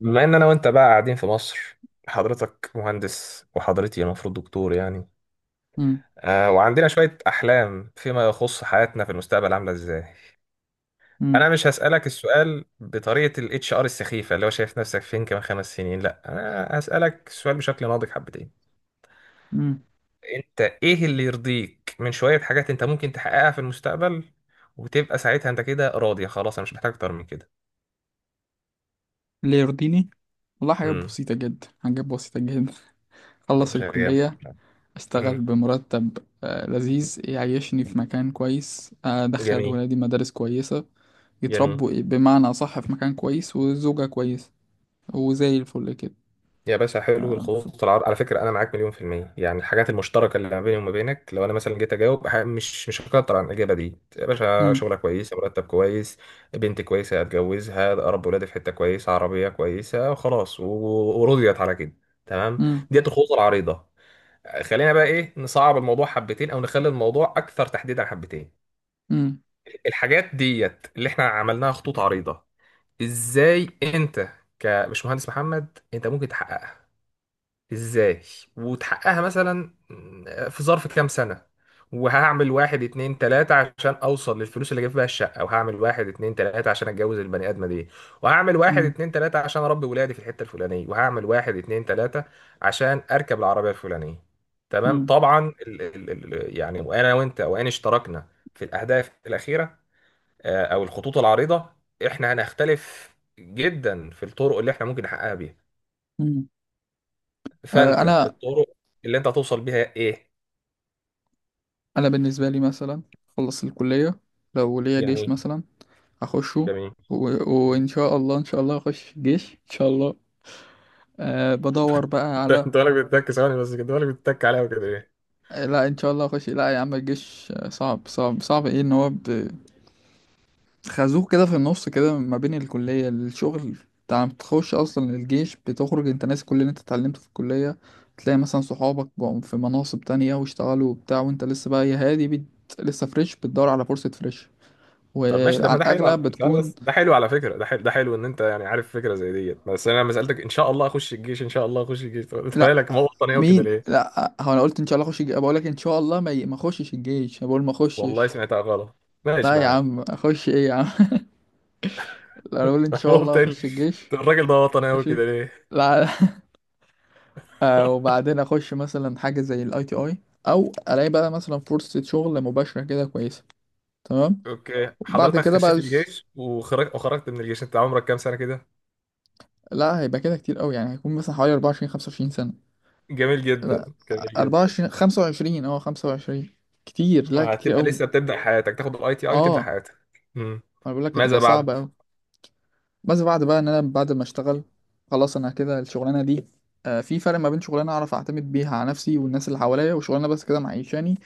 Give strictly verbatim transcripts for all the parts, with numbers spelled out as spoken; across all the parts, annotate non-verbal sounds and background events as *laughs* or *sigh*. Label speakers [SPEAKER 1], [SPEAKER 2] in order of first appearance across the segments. [SPEAKER 1] بما ان انا وانت بقى قاعدين في مصر. حضرتك مهندس وحضرتي المفروض دكتور يعني.
[SPEAKER 2] مم.
[SPEAKER 1] آه وعندنا شوية احلام فيما يخص حياتنا في المستقبل عاملة ازاي.
[SPEAKER 2] مم.
[SPEAKER 1] انا مش هسألك السؤال بطريقة الاتش ار السخيفة اللي هو شايف نفسك فين كمان خمس سنين، لا انا هسألك السؤال بشكل ناضج حبتين.
[SPEAKER 2] مم.
[SPEAKER 1] انت ايه اللي يرضيك من شوية حاجات انت ممكن تحققها في المستقبل وتبقى ساعتها انت كده راضية خلاص انا مش محتاج اكتر من كده.
[SPEAKER 2] اللي يرضيني، والله حاجات
[SPEAKER 1] امم
[SPEAKER 2] بسيطة جدا، حاجات بسيطة جدا. *laughs*
[SPEAKER 1] يا
[SPEAKER 2] أخلص
[SPEAKER 1] باشا جامد.
[SPEAKER 2] الكلية، أشتغل
[SPEAKER 1] امم
[SPEAKER 2] بمرتب آه، لذيذ، يعيشني في مكان كويس، أدخل
[SPEAKER 1] جميل.
[SPEAKER 2] ولادي مدارس كويسة،
[SPEAKER 1] جميل.
[SPEAKER 2] يتربوا إيه، بمعنى أصح في مكان كويس، وزوجة كويسة، وزي الفل كده.
[SPEAKER 1] يا باشا، حلو
[SPEAKER 2] آه، ف-
[SPEAKER 1] الخطوط العرض. على فكرة أنا معاك مليون في المية، يعني الحاجات المشتركة اللي ما بيني وما بينك، لو أنا مثلا جيت أجاوب ح- مش مش هكتر عن الإجابة دي. يا باشا،
[SPEAKER 2] مم.
[SPEAKER 1] شغلة كويسة، مرتب كويس، بنت كويسة هتجوزها، أربي ولادي في حتة كويسة، عربية كويسة وخلاص و- ورضيت على كده. تمام،
[SPEAKER 2] مم.
[SPEAKER 1] ديت الخطوط العريضة. خلينا بقى إيه نصعب الموضوع حبتين أو نخلي الموضوع أكثر تحديدا حبتين.
[SPEAKER 2] مم.
[SPEAKER 1] الحاجات ديت اللي إحنا عملناها خطوط عريضة، إزاي أنت كمش مهندس محمد أنت ممكن تحققها؟ ازاي وتحققها مثلا في ظرف كام سنة؟ وهعمل واحد اتنين تلاتة عشان اوصل للفلوس اللي اجيب بيها الشقة، وهعمل واحد اتنين تلاتة عشان اتجوز البني ادمة دي، وهعمل واحد
[SPEAKER 2] مم.
[SPEAKER 1] اتنين تلاتة عشان اربي ولادي في الحتة الفلانية، وهعمل واحد اتنين تلاتة عشان اركب العربية الفلانية. تمام.
[SPEAKER 2] مم.
[SPEAKER 1] طبعا ال ال ال يعني وانا وانت وان اشتركنا في الاهداف الاخيرة آه، او الخطوط العريضة، احنا هنختلف جدا في الطرق اللي احنا ممكن نحققها بيها.
[SPEAKER 2] مم. آه،
[SPEAKER 1] فانت
[SPEAKER 2] أنا
[SPEAKER 1] الطرق اللي انت هتوصل بيها ايه؟
[SPEAKER 2] أنا بالنسبة لي مثلا أخلص الكلية، لو ليا
[SPEAKER 1] يعني
[SPEAKER 2] جيش
[SPEAKER 1] ايه؟
[SPEAKER 2] مثلا أخشه
[SPEAKER 1] جميل.
[SPEAKER 2] و... وإن شاء الله، إن شاء الله أخش جيش إن شاء الله. أه بدور بقى
[SPEAKER 1] *laughs* ده
[SPEAKER 2] على
[SPEAKER 1] انت بالك بتتك ثواني بس، كده بالك بتتك عليها وكده ليه؟
[SPEAKER 2] آه، لا، ان شاء الله اخش، لا يا عم الجيش آه، صعب صعب صعب، ايه ان هو ب- خازوق كده في النص كده ما بين الكلية الشغل. انت عم تخش اصلا الجيش، بتخرج انت ناسي كل اللي انت اتعلمته في الكلية، تلاقي مثلا صحابك بقوا في مناصب تانية واشتغلوا وبتاع، وانت لسه بقى يا هادي بت... لسه فريش، بتدور على فرصة فريش،
[SPEAKER 1] طب ماشي، ده
[SPEAKER 2] وعلى
[SPEAKER 1] ما ده حلو،
[SPEAKER 2] الاغلب
[SPEAKER 1] على ثواني
[SPEAKER 2] بتكون
[SPEAKER 1] بس ده حلو، على فكره ده حلو، ده حلو ان انت يعني عارف فكره زي ديت. بس انا لما سالتك ان شاء الله اخش الجيش ان شاء الله اخش الجيش، طب انت
[SPEAKER 2] لا.
[SPEAKER 1] بالك ما هو وطني قوي كده
[SPEAKER 2] مين؟
[SPEAKER 1] ليه؟
[SPEAKER 2] لا، هو انا قلت ان شاء الله اخش الجيش؟ بقول لك ان شاء الله ما ي- ما اخشش الجيش، أنا بقول ما
[SPEAKER 1] والله
[SPEAKER 2] اخشش.
[SPEAKER 1] سمعتها غلط،
[SPEAKER 2] لا
[SPEAKER 1] ماشي
[SPEAKER 2] يا
[SPEAKER 1] معاك.
[SPEAKER 2] عم اخش ايه يا عم، انا بقول ان
[SPEAKER 1] *laughs*
[SPEAKER 2] شاء
[SPEAKER 1] هو
[SPEAKER 2] الله
[SPEAKER 1] قلت لي،
[SPEAKER 2] اخش الجيش.
[SPEAKER 1] الراجل ده وطني قوي
[SPEAKER 2] ماشي.
[SPEAKER 1] كده ليه؟
[SPEAKER 2] لا *laughs* آه،
[SPEAKER 1] *laughs*
[SPEAKER 2] وبعدين اخش مثلا حاجه زي الاي تي اي، او الاقي بقى مثلا فرصه شغل مباشره كده كويسه، تمام.
[SPEAKER 1] اوكي،
[SPEAKER 2] وبعد
[SPEAKER 1] حضرتك
[SPEAKER 2] كده بقى
[SPEAKER 1] خشيت
[SPEAKER 2] ال-
[SPEAKER 1] الجيش وخرجت، وخرجت من الجيش انت عمرك كام سنه كده؟
[SPEAKER 2] لا، هيبقى كده كتير قوي، يعني هيكون مثلا حوالي أربعة وعشرين خمس وعشرين سنه.
[SPEAKER 1] جميل جدا.
[SPEAKER 2] لا،
[SPEAKER 1] جميل جدا.
[SPEAKER 2] أربعة وعشرين خمسة وعشرين، اه خمسة وعشرين. كتير، لا كتير
[SPEAKER 1] هتبقى
[SPEAKER 2] قوي.
[SPEAKER 1] لسه بتبدأ حياتك، تاخد الاي تي اي وتبدأ
[SPEAKER 2] اه،
[SPEAKER 1] حياتك. مم.
[SPEAKER 2] انا بقول لك
[SPEAKER 1] ماذا
[SPEAKER 2] هتبقى
[SPEAKER 1] بعد؟
[SPEAKER 2] صعبه قوي. بس بعد بقى ان انا بعد ما اشتغل خلاص، انا كده الشغلانه دي آه، في فرق ما بين شغلانه اعرف اعتمد بيها على نفسي والناس اللي حواليا، وشغلانه بس كده معيشاني،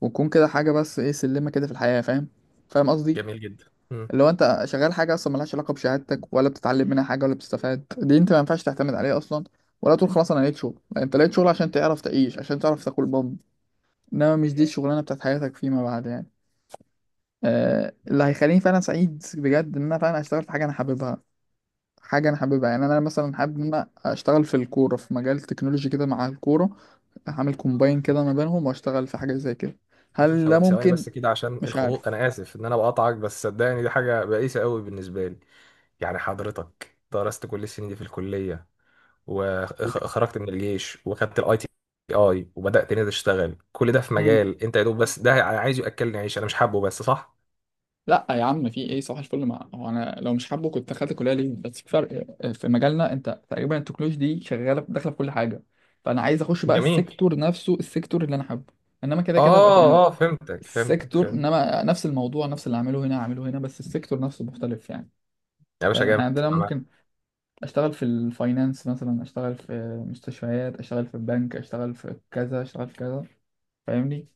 [SPEAKER 2] وتكون كده حاجه بس ايه، سلمه كده في الحياه، فاهم؟ فاهم قصدي؟
[SPEAKER 1] جميل جدا. مم.
[SPEAKER 2] اللي هو انت شغال حاجه اصلا ملهاش علاقه بشهادتك، ولا بتتعلم منها حاجه، ولا بتستفاد، دي انت ما ينفعش تعتمد عليها اصلا، ولا تقول خلاص انا لقيت شغل. لا، انت لقيت شغل عشان تعرف تعيش، عشان تعرف تاكل بام، انما مش دي الشغلانه بتاعت حياتك فيما بعد يعني. آه، اللي هيخليني فعلا سعيد بجد ان انا فعلا اشتغل في حاجه انا حاببها، حاجة أنا حاببها، يعني أنا مثلا حابب إن أنا أشتغل في الكورة، في مجال تكنولوجي كده مع الكورة، أعمل كومباين كده ما بينهم وأشتغل في حاجة زي كده.
[SPEAKER 1] يا عم
[SPEAKER 2] هل ده
[SPEAKER 1] ثو- ثواني
[SPEAKER 2] ممكن؟
[SPEAKER 1] بس كده عشان
[SPEAKER 2] مش
[SPEAKER 1] الخطوط،
[SPEAKER 2] عارف.
[SPEAKER 1] انا اسف ان انا بقطعك، بس صدقني دي حاجه بائسه قوي بالنسبه لي. يعني حضرتك درست كل السنين دي في الكليه، وخرجت من الجيش وخدت الاي تي اي وبدات هنا تشتغل كل ده في
[SPEAKER 2] مم.
[SPEAKER 1] مجال انت يا دوب بس ده انا عايز ياكلني عيش، انا مش حابه بس صح؟
[SPEAKER 2] لا يا عم في ايه، صباح الفل مع هو انا لو مش حابه كنت دخلت كليه ليه؟ بس في فرق، في مجالنا انت تقريبا التكنولوجي دي شغاله داخله في كل حاجه، فانا عايز اخش بقى
[SPEAKER 1] جميل.
[SPEAKER 2] السيكتور نفسه، السيكتور اللي انا حابه، انما كده كده بقى انا
[SPEAKER 1] اه اه، فهمتك فهمتك
[SPEAKER 2] السيكتور،
[SPEAKER 1] فهمت.
[SPEAKER 2] انما نفس الموضوع، نفس اللي اعمله هنا اعمله هنا، بس السيكتور نفسه مختلف يعني.
[SPEAKER 1] يا باشا
[SPEAKER 2] فاحنا
[SPEAKER 1] جامد،
[SPEAKER 2] عندنا
[SPEAKER 1] أنا معاك.
[SPEAKER 2] ممكن اشتغل في الفاينانس مثلا، اشتغل في مستشفيات، اشتغل في البنك، اشتغل في كذا، اشتغل في كذا، فاهمني؟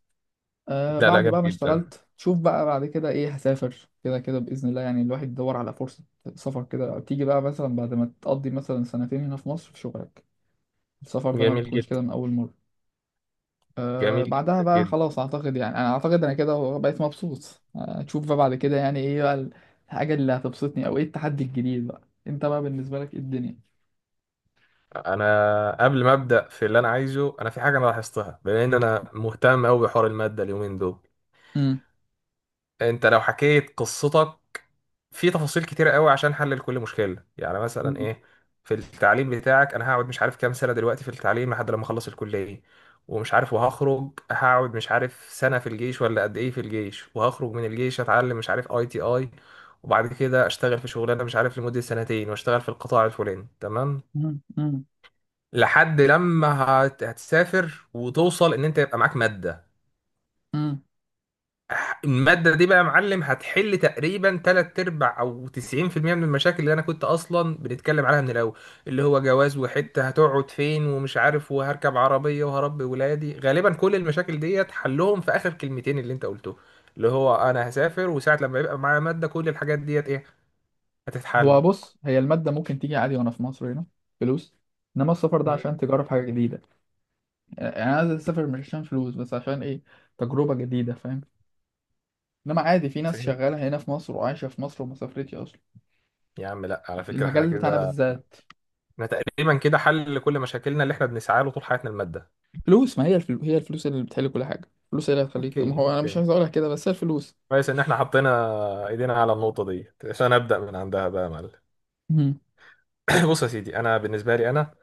[SPEAKER 2] آه
[SPEAKER 1] لا لا،
[SPEAKER 2] بعد
[SPEAKER 1] جامد
[SPEAKER 2] بقى ما
[SPEAKER 1] جدا.
[SPEAKER 2] اشتغلت شوف بقى بعد كده ايه، هسافر كده كده بإذن الله، يعني الواحد يدور على فرصة سفر كده، تيجي بقى مثلا بعد ما تقضي مثلا سنتين هنا في مصر في شغلك، السفر ده ما
[SPEAKER 1] جميل
[SPEAKER 2] بتكونش
[SPEAKER 1] جدا.
[SPEAKER 2] كده من أول مرة. آه
[SPEAKER 1] جميل
[SPEAKER 2] بعدها
[SPEAKER 1] جدا
[SPEAKER 2] بقى
[SPEAKER 1] جدا.
[SPEAKER 2] خلاص أعتقد، يعني أنا أعتقد أنا كده بقيت مبسوط. آه تشوف بقى بعد كده يعني ايه بقى الحاجة اللي هتبسطني، أو ايه التحدي الجديد بقى. انت بقى بالنسبة لك ايه الدنيا؟
[SPEAKER 1] انا قبل ما ابدا في اللي انا عايزه، انا في حاجه انا لاحظتها، بما ان انا مهتم قوي بحوار الماده اليومين دول. انت لو حكيت قصتك في تفاصيل كتيره قوي عشان احلل كل مشكله، يعني مثلا
[SPEAKER 2] مم.
[SPEAKER 1] ايه في التعليم بتاعك، انا هقعد مش عارف كام سنه دلوقتي في التعليم لحد لما اخلص الكليه، ومش عارف وهخرج هقعد مش عارف سنه في الجيش ولا قد ايه في الجيش، وهخرج من الجيش اتعلم مش عارف اي تي اي، وبعد كده اشتغل في شغلانه مش عارف لمده سنتين، واشتغل في القطاع الفلاني تمام.
[SPEAKER 2] مم، مم،
[SPEAKER 1] لحد لما هت- هتسافر وتوصل ان انت يبقى معاك ماده.
[SPEAKER 2] مم.
[SPEAKER 1] ح- الماده دي بقى يا معلم هتحل تقريبا تلات ارباع او تسعين في المية من المشاكل اللي انا كنت اصلا بنتكلم عليها من الاول. اللي هو جواز، وحته هتقعد فين ومش عارف، وهركب عربيه وهربي ولادي. غالبا كل المشاكل ديت حلهم في اخر كلمتين اللي انت قلته، اللي هو انا هسافر، وساعه لما يبقى معايا ماده كل الحاجات ديت ايه هتتحل.
[SPEAKER 2] هو بص، هي المادة ممكن تيجي عادي وانا في مصر هنا، فلوس، انما السفر ده
[SPEAKER 1] مم.
[SPEAKER 2] عشان تجرب حاجة جديدة، يعني انا عايز اسافر مش عشان فلوس بس، عشان ايه، تجربة جديدة، فاهم؟ انما عادي، في ناس
[SPEAKER 1] فهمت.
[SPEAKER 2] شغالة هنا في مصر وعايشة في مصر وما سافرتش اصلا،
[SPEAKER 1] يا عم لا، على فكره احنا
[SPEAKER 2] المجال بتاعنا
[SPEAKER 1] كده،
[SPEAKER 2] بالذات.
[SPEAKER 1] احنا تقريبا كده حل لكل مشاكلنا اللي احنا بنسعى له طول حياتنا، الماده.
[SPEAKER 2] فلوس، ما هي الفلو... هي الفلوس اللي بتحل كل حاجة، الفلوس هي اللي هتخليك، ما
[SPEAKER 1] اوكي
[SPEAKER 2] هو انا مش
[SPEAKER 1] اوكي.
[SPEAKER 2] عايز اقولها كده بس هي الفلوس.
[SPEAKER 1] كويس ان احنا حطينا ايدينا على النقطه دي عشان ابدا من عندها بقى يا معلم.
[SPEAKER 2] مم،
[SPEAKER 1] *clears throat* بص يا سيدي، انا بالنسبه لي انا،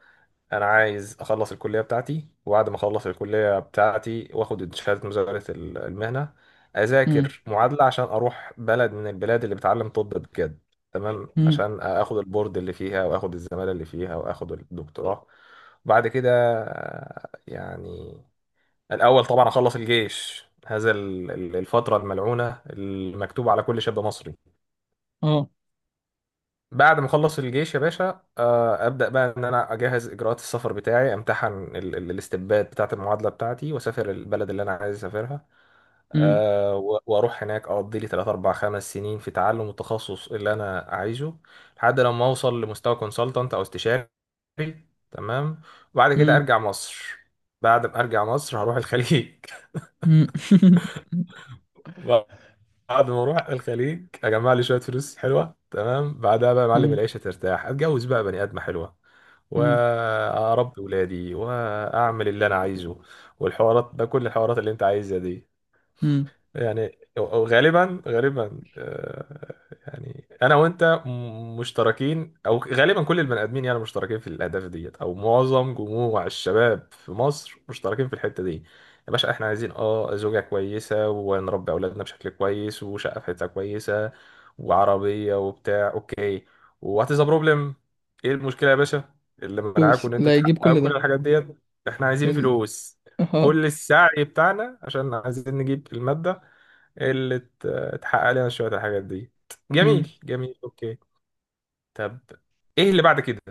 [SPEAKER 1] انا عايز اخلص الكليه بتاعتي، وبعد ما اخلص الكليه بتاعتي واخد شهاده مزاوله ال- المهنه،
[SPEAKER 2] مم،
[SPEAKER 1] اذاكر معادله عشان اروح بلد من البلاد اللي بتعلم طب بجد. تمام،
[SPEAKER 2] مم،
[SPEAKER 1] عشان اخد البورد اللي فيها، واخد الزماله اللي فيها، واخد الدكتوراه. وبعد كده آه، يعني الأول طبعا أخلص الجيش، هذا ال- ال- الفترة الملعونة المكتوبة على كل شاب مصري.
[SPEAKER 2] اه،
[SPEAKER 1] بعد ما أخلص الجيش يا باشا، آه، أبدأ بقى إن أنا أجهز إجراءات السفر بتاعي، أمتحن ال- ال- الاستبداد بتاعة المعادلة بتاعتي، وأسافر البلد اللي أنا عايز أسافرها.
[SPEAKER 2] مم،
[SPEAKER 1] آه، و- وأروح هناك أقضي لي تلاتة اربعة خمسة سنين في تعلم التخصص اللي أنا عايزه، لحد لما أوصل لمستوى كونسلتنت أو استشاري. تمام، وبعد كده
[SPEAKER 2] مم،
[SPEAKER 1] أرجع مصر. بعد ما أرجع مصر هروح الخليج.
[SPEAKER 2] مم. *laughs*
[SPEAKER 1] *laughs* بعد ما اروح الخليج اجمع لي شويه فلوس حلوه، تمام، بعدها بقى يا معلم
[SPEAKER 2] مم،
[SPEAKER 1] العيشه ترتاح، اتجوز بقى بني ادمه حلوه،
[SPEAKER 2] مم،
[SPEAKER 1] واربي ولادي، واعمل اللي انا عايزه، والحوارات ده، كل الحوارات اللي انت عايزها دي.
[SPEAKER 2] مم.
[SPEAKER 1] يعني غالبا غالبا آه، يعني انا وانت م- مشتركين، او غالبا كل البني ادمين يعني مشتركين في الاهداف ديت، او معظم جموع الشباب في مصر مشتركين في الحته دي. يا باشا احنا عايزين اه زوجه كويسه، ونربي اولادنا بشكل كويس، وشقه في حته كويسه وعربيه وبتاع. اوكي، وات از بروبلم؟ ايه المشكله يا باشا اللي منعاكم
[SPEAKER 2] فلوس،
[SPEAKER 1] ان
[SPEAKER 2] اللي
[SPEAKER 1] انتوا
[SPEAKER 2] هيجيب
[SPEAKER 1] تحققوا
[SPEAKER 2] كل
[SPEAKER 1] كل
[SPEAKER 2] ده
[SPEAKER 1] الحاجات ديت؟ احنا عايزين
[SPEAKER 2] ال...
[SPEAKER 1] فلوس.
[SPEAKER 2] اه.
[SPEAKER 1] كل السعي بتاعنا عشان عايزين نجيب المادة. إيه اللي ت- اتحقق لنا شوية الحاجات دي.
[SPEAKER 2] امم.
[SPEAKER 1] جميل جميل اوكي. طب ايه اللي بعد كده؟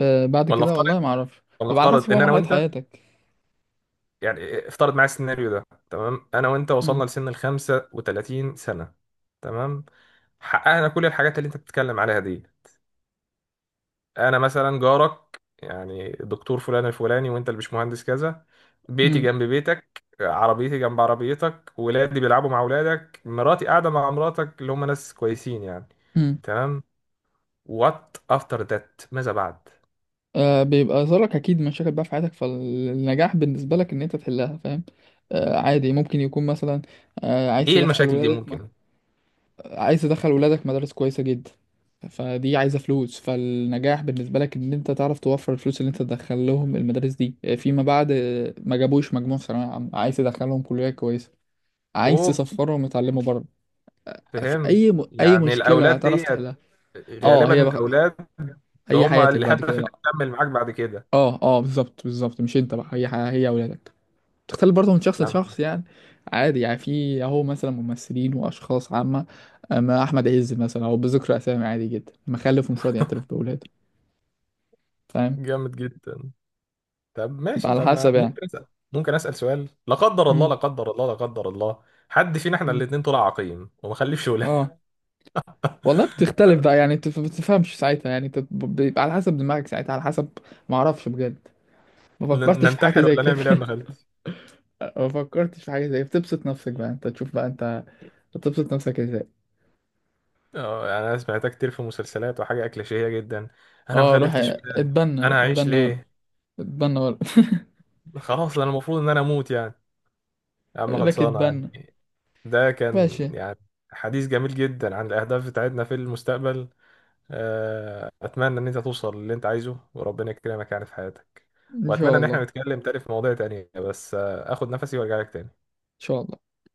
[SPEAKER 2] آه بعد
[SPEAKER 1] ولا
[SPEAKER 2] كده
[SPEAKER 1] افترض،
[SPEAKER 2] والله ما اعرفش،
[SPEAKER 1] ولا
[SPEAKER 2] بيبقى على حسب
[SPEAKER 1] افترض
[SPEAKER 2] بقى
[SPEAKER 1] ان انا
[SPEAKER 2] مرحله
[SPEAKER 1] وانت،
[SPEAKER 2] حياتك.
[SPEAKER 1] يعني افترض معايا السيناريو ده. تمام، انا وانت وصلنا
[SPEAKER 2] امم.
[SPEAKER 1] لسن ال خمسة وتلاتين سنة. تمام، حققنا كل الحاجات اللي انت بتتكلم عليها دي. انا مثلا جارك، يعني دكتور فلان الفلاني، وانت البشمهندس كذا. بيتي
[SPEAKER 2] امم.
[SPEAKER 1] جنب بيتك، عربيتي جنب عربيتك، ولادي بيلعبوا مع ولادك، مراتي قاعدة مع مراتك، اللي هم ناس كويسين يعني.
[SPEAKER 2] امم.
[SPEAKER 1] تمام، وات افتر ذات؟ ماذا بعد؟
[SPEAKER 2] آه بيبقى ظهرك اكيد مشاكل بقى في حياتك، فالنجاح بالنسبه لك ان انت تحلها، فاهم؟ آه عادي، ممكن يكون مثلا آه عايز
[SPEAKER 1] ايه
[SPEAKER 2] تدخل
[SPEAKER 1] المشاكل دي
[SPEAKER 2] ولادك ما،
[SPEAKER 1] ممكن؟
[SPEAKER 2] عايز تدخل ولادك مدارس كويسه جدا، فدي عايزه فلوس، فالنجاح بالنسبه لك ان انت تعرف توفر الفلوس اللي انت تدخل لهم المدارس دي، آه، فيما بعد آه، ما جابوش مجموع في ثانويه عامه، عايز تدخلهم كليه كويسه، عايز
[SPEAKER 1] اوه،
[SPEAKER 2] تسفرهم يتعلموا بره. في
[SPEAKER 1] فهم.
[SPEAKER 2] اي م... اي
[SPEAKER 1] يعني
[SPEAKER 2] مشكله
[SPEAKER 1] الاولاد
[SPEAKER 2] هتعرف
[SPEAKER 1] دي،
[SPEAKER 2] تحلها. اه، هي
[SPEAKER 1] غالبا
[SPEAKER 2] بقى
[SPEAKER 1] الاولاد
[SPEAKER 2] هي
[SPEAKER 1] هم
[SPEAKER 2] حياتك بعد
[SPEAKER 1] الهدف
[SPEAKER 2] كده
[SPEAKER 1] اللي
[SPEAKER 2] بقى.
[SPEAKER 1] هتكمل معاك بعد كده
[SPEAKER 2] اه اه بالظبط بالظبط، مش انت بقى، هي ح- هي اولادك، تختلف برضه من شخص
[SPEAKER 1] يعني؟
[SPEAKER 2] لشخص يعني. عادي يعني، في اهو مثلا ممثلين واشخاص عامه، اما احمد عز مثلا، او بذكر اسامي عادي جدا، مخلف ومش راضي يعترف باولاده، فاهم؟
[SPEAKER 1] جامد جدا. طب
[SPEAKER 2] تبقى
[SPEAKER 1] ماشي،
[SPEAKER 2] على
[SPEAKER 1] طب ما
[SPEAKER 2] حسب يعني.
[SPEAKER 1] ممكن اسال، ممكن اسال سؤال، لا قدر الله
[SPEAKER 2] امم.
[SPEAKER 1] لا قدر الله لا قدر الله، حد فينا احنا
[SPEAKER 2] امم.
[SPEAKER 1] الاثنين طلع عقيم وما خلفش ولا؟
[SPEAKER 2] اه، والله بتختلف بقى يعني، انت ما بتفهمش ساعتها، يعني انت ب- بيبقى على حسب دماغك ساعتها، على حسب، ما اعرفش بجد. ما
[SPEAKER 1] *laughs* ن-
[SPEAKER 2] فكرتش في حاجه
[SPEAKER 1] ننتحر
[SPEAKER 2] زي
[SPEAKER 1] ولا
[SPEAKER 2] كده.
[SPEAKER 1] نعمل ايه يا ابن خالتي؟
[SPEAKER 2] *laughs* ما فكرتش في حاجه زي، بتبسط نفسك بقى انت، تشوف بقى انت بتبسط نفسك ازاي.
[SPEAKER 1] اه يعني انا سمعتها كتير في مسلسلات وحاجه كليشيهيه جدا، انا ما
[SPEAKER 2] اه روح
[SPEAKER 1] خلفتش ولاد،
[SPEAKER 2] اتبنى،
[SPEAKER 1] انا هعيش
[SPEAKER 2] اتبنى ولا
[SPEAKER 1] ليه؟
[SPEAKER 2] اتبنى ولا
[SPEAKER 1] خلاص انا المفروض ان انا اموت يعني؟ يا عم
[SPEAKER 2] *laughs* لك
[SPEAKER 1] خلصانة
[SPEAKER 2] اتبنى.
[SPEAKER 1] يعني. ده كان
[SPEAKER 2] ماشي،
[SPEAKER 1] يعني حديث جميل جدا عن الأهداف بتاعتنا في المستقبل. آه، أتمنى إن أنت توصل للي أنت عايزه وربنا يكرمك يعني في حياتك.
[SPEAKER 2] ان
[SPEAKER 1] وأتمنى
[SPEAKER 2] شاء
[SPEAKER 1] إن
[SPEAKER 2] الله، ان
[SPEAKER 1] احنا نتكلم تاني في مواضيع تانية، بس آه، آخد نفسي وأرجع لك تاني.
[SPEAKER 2] شاء الله.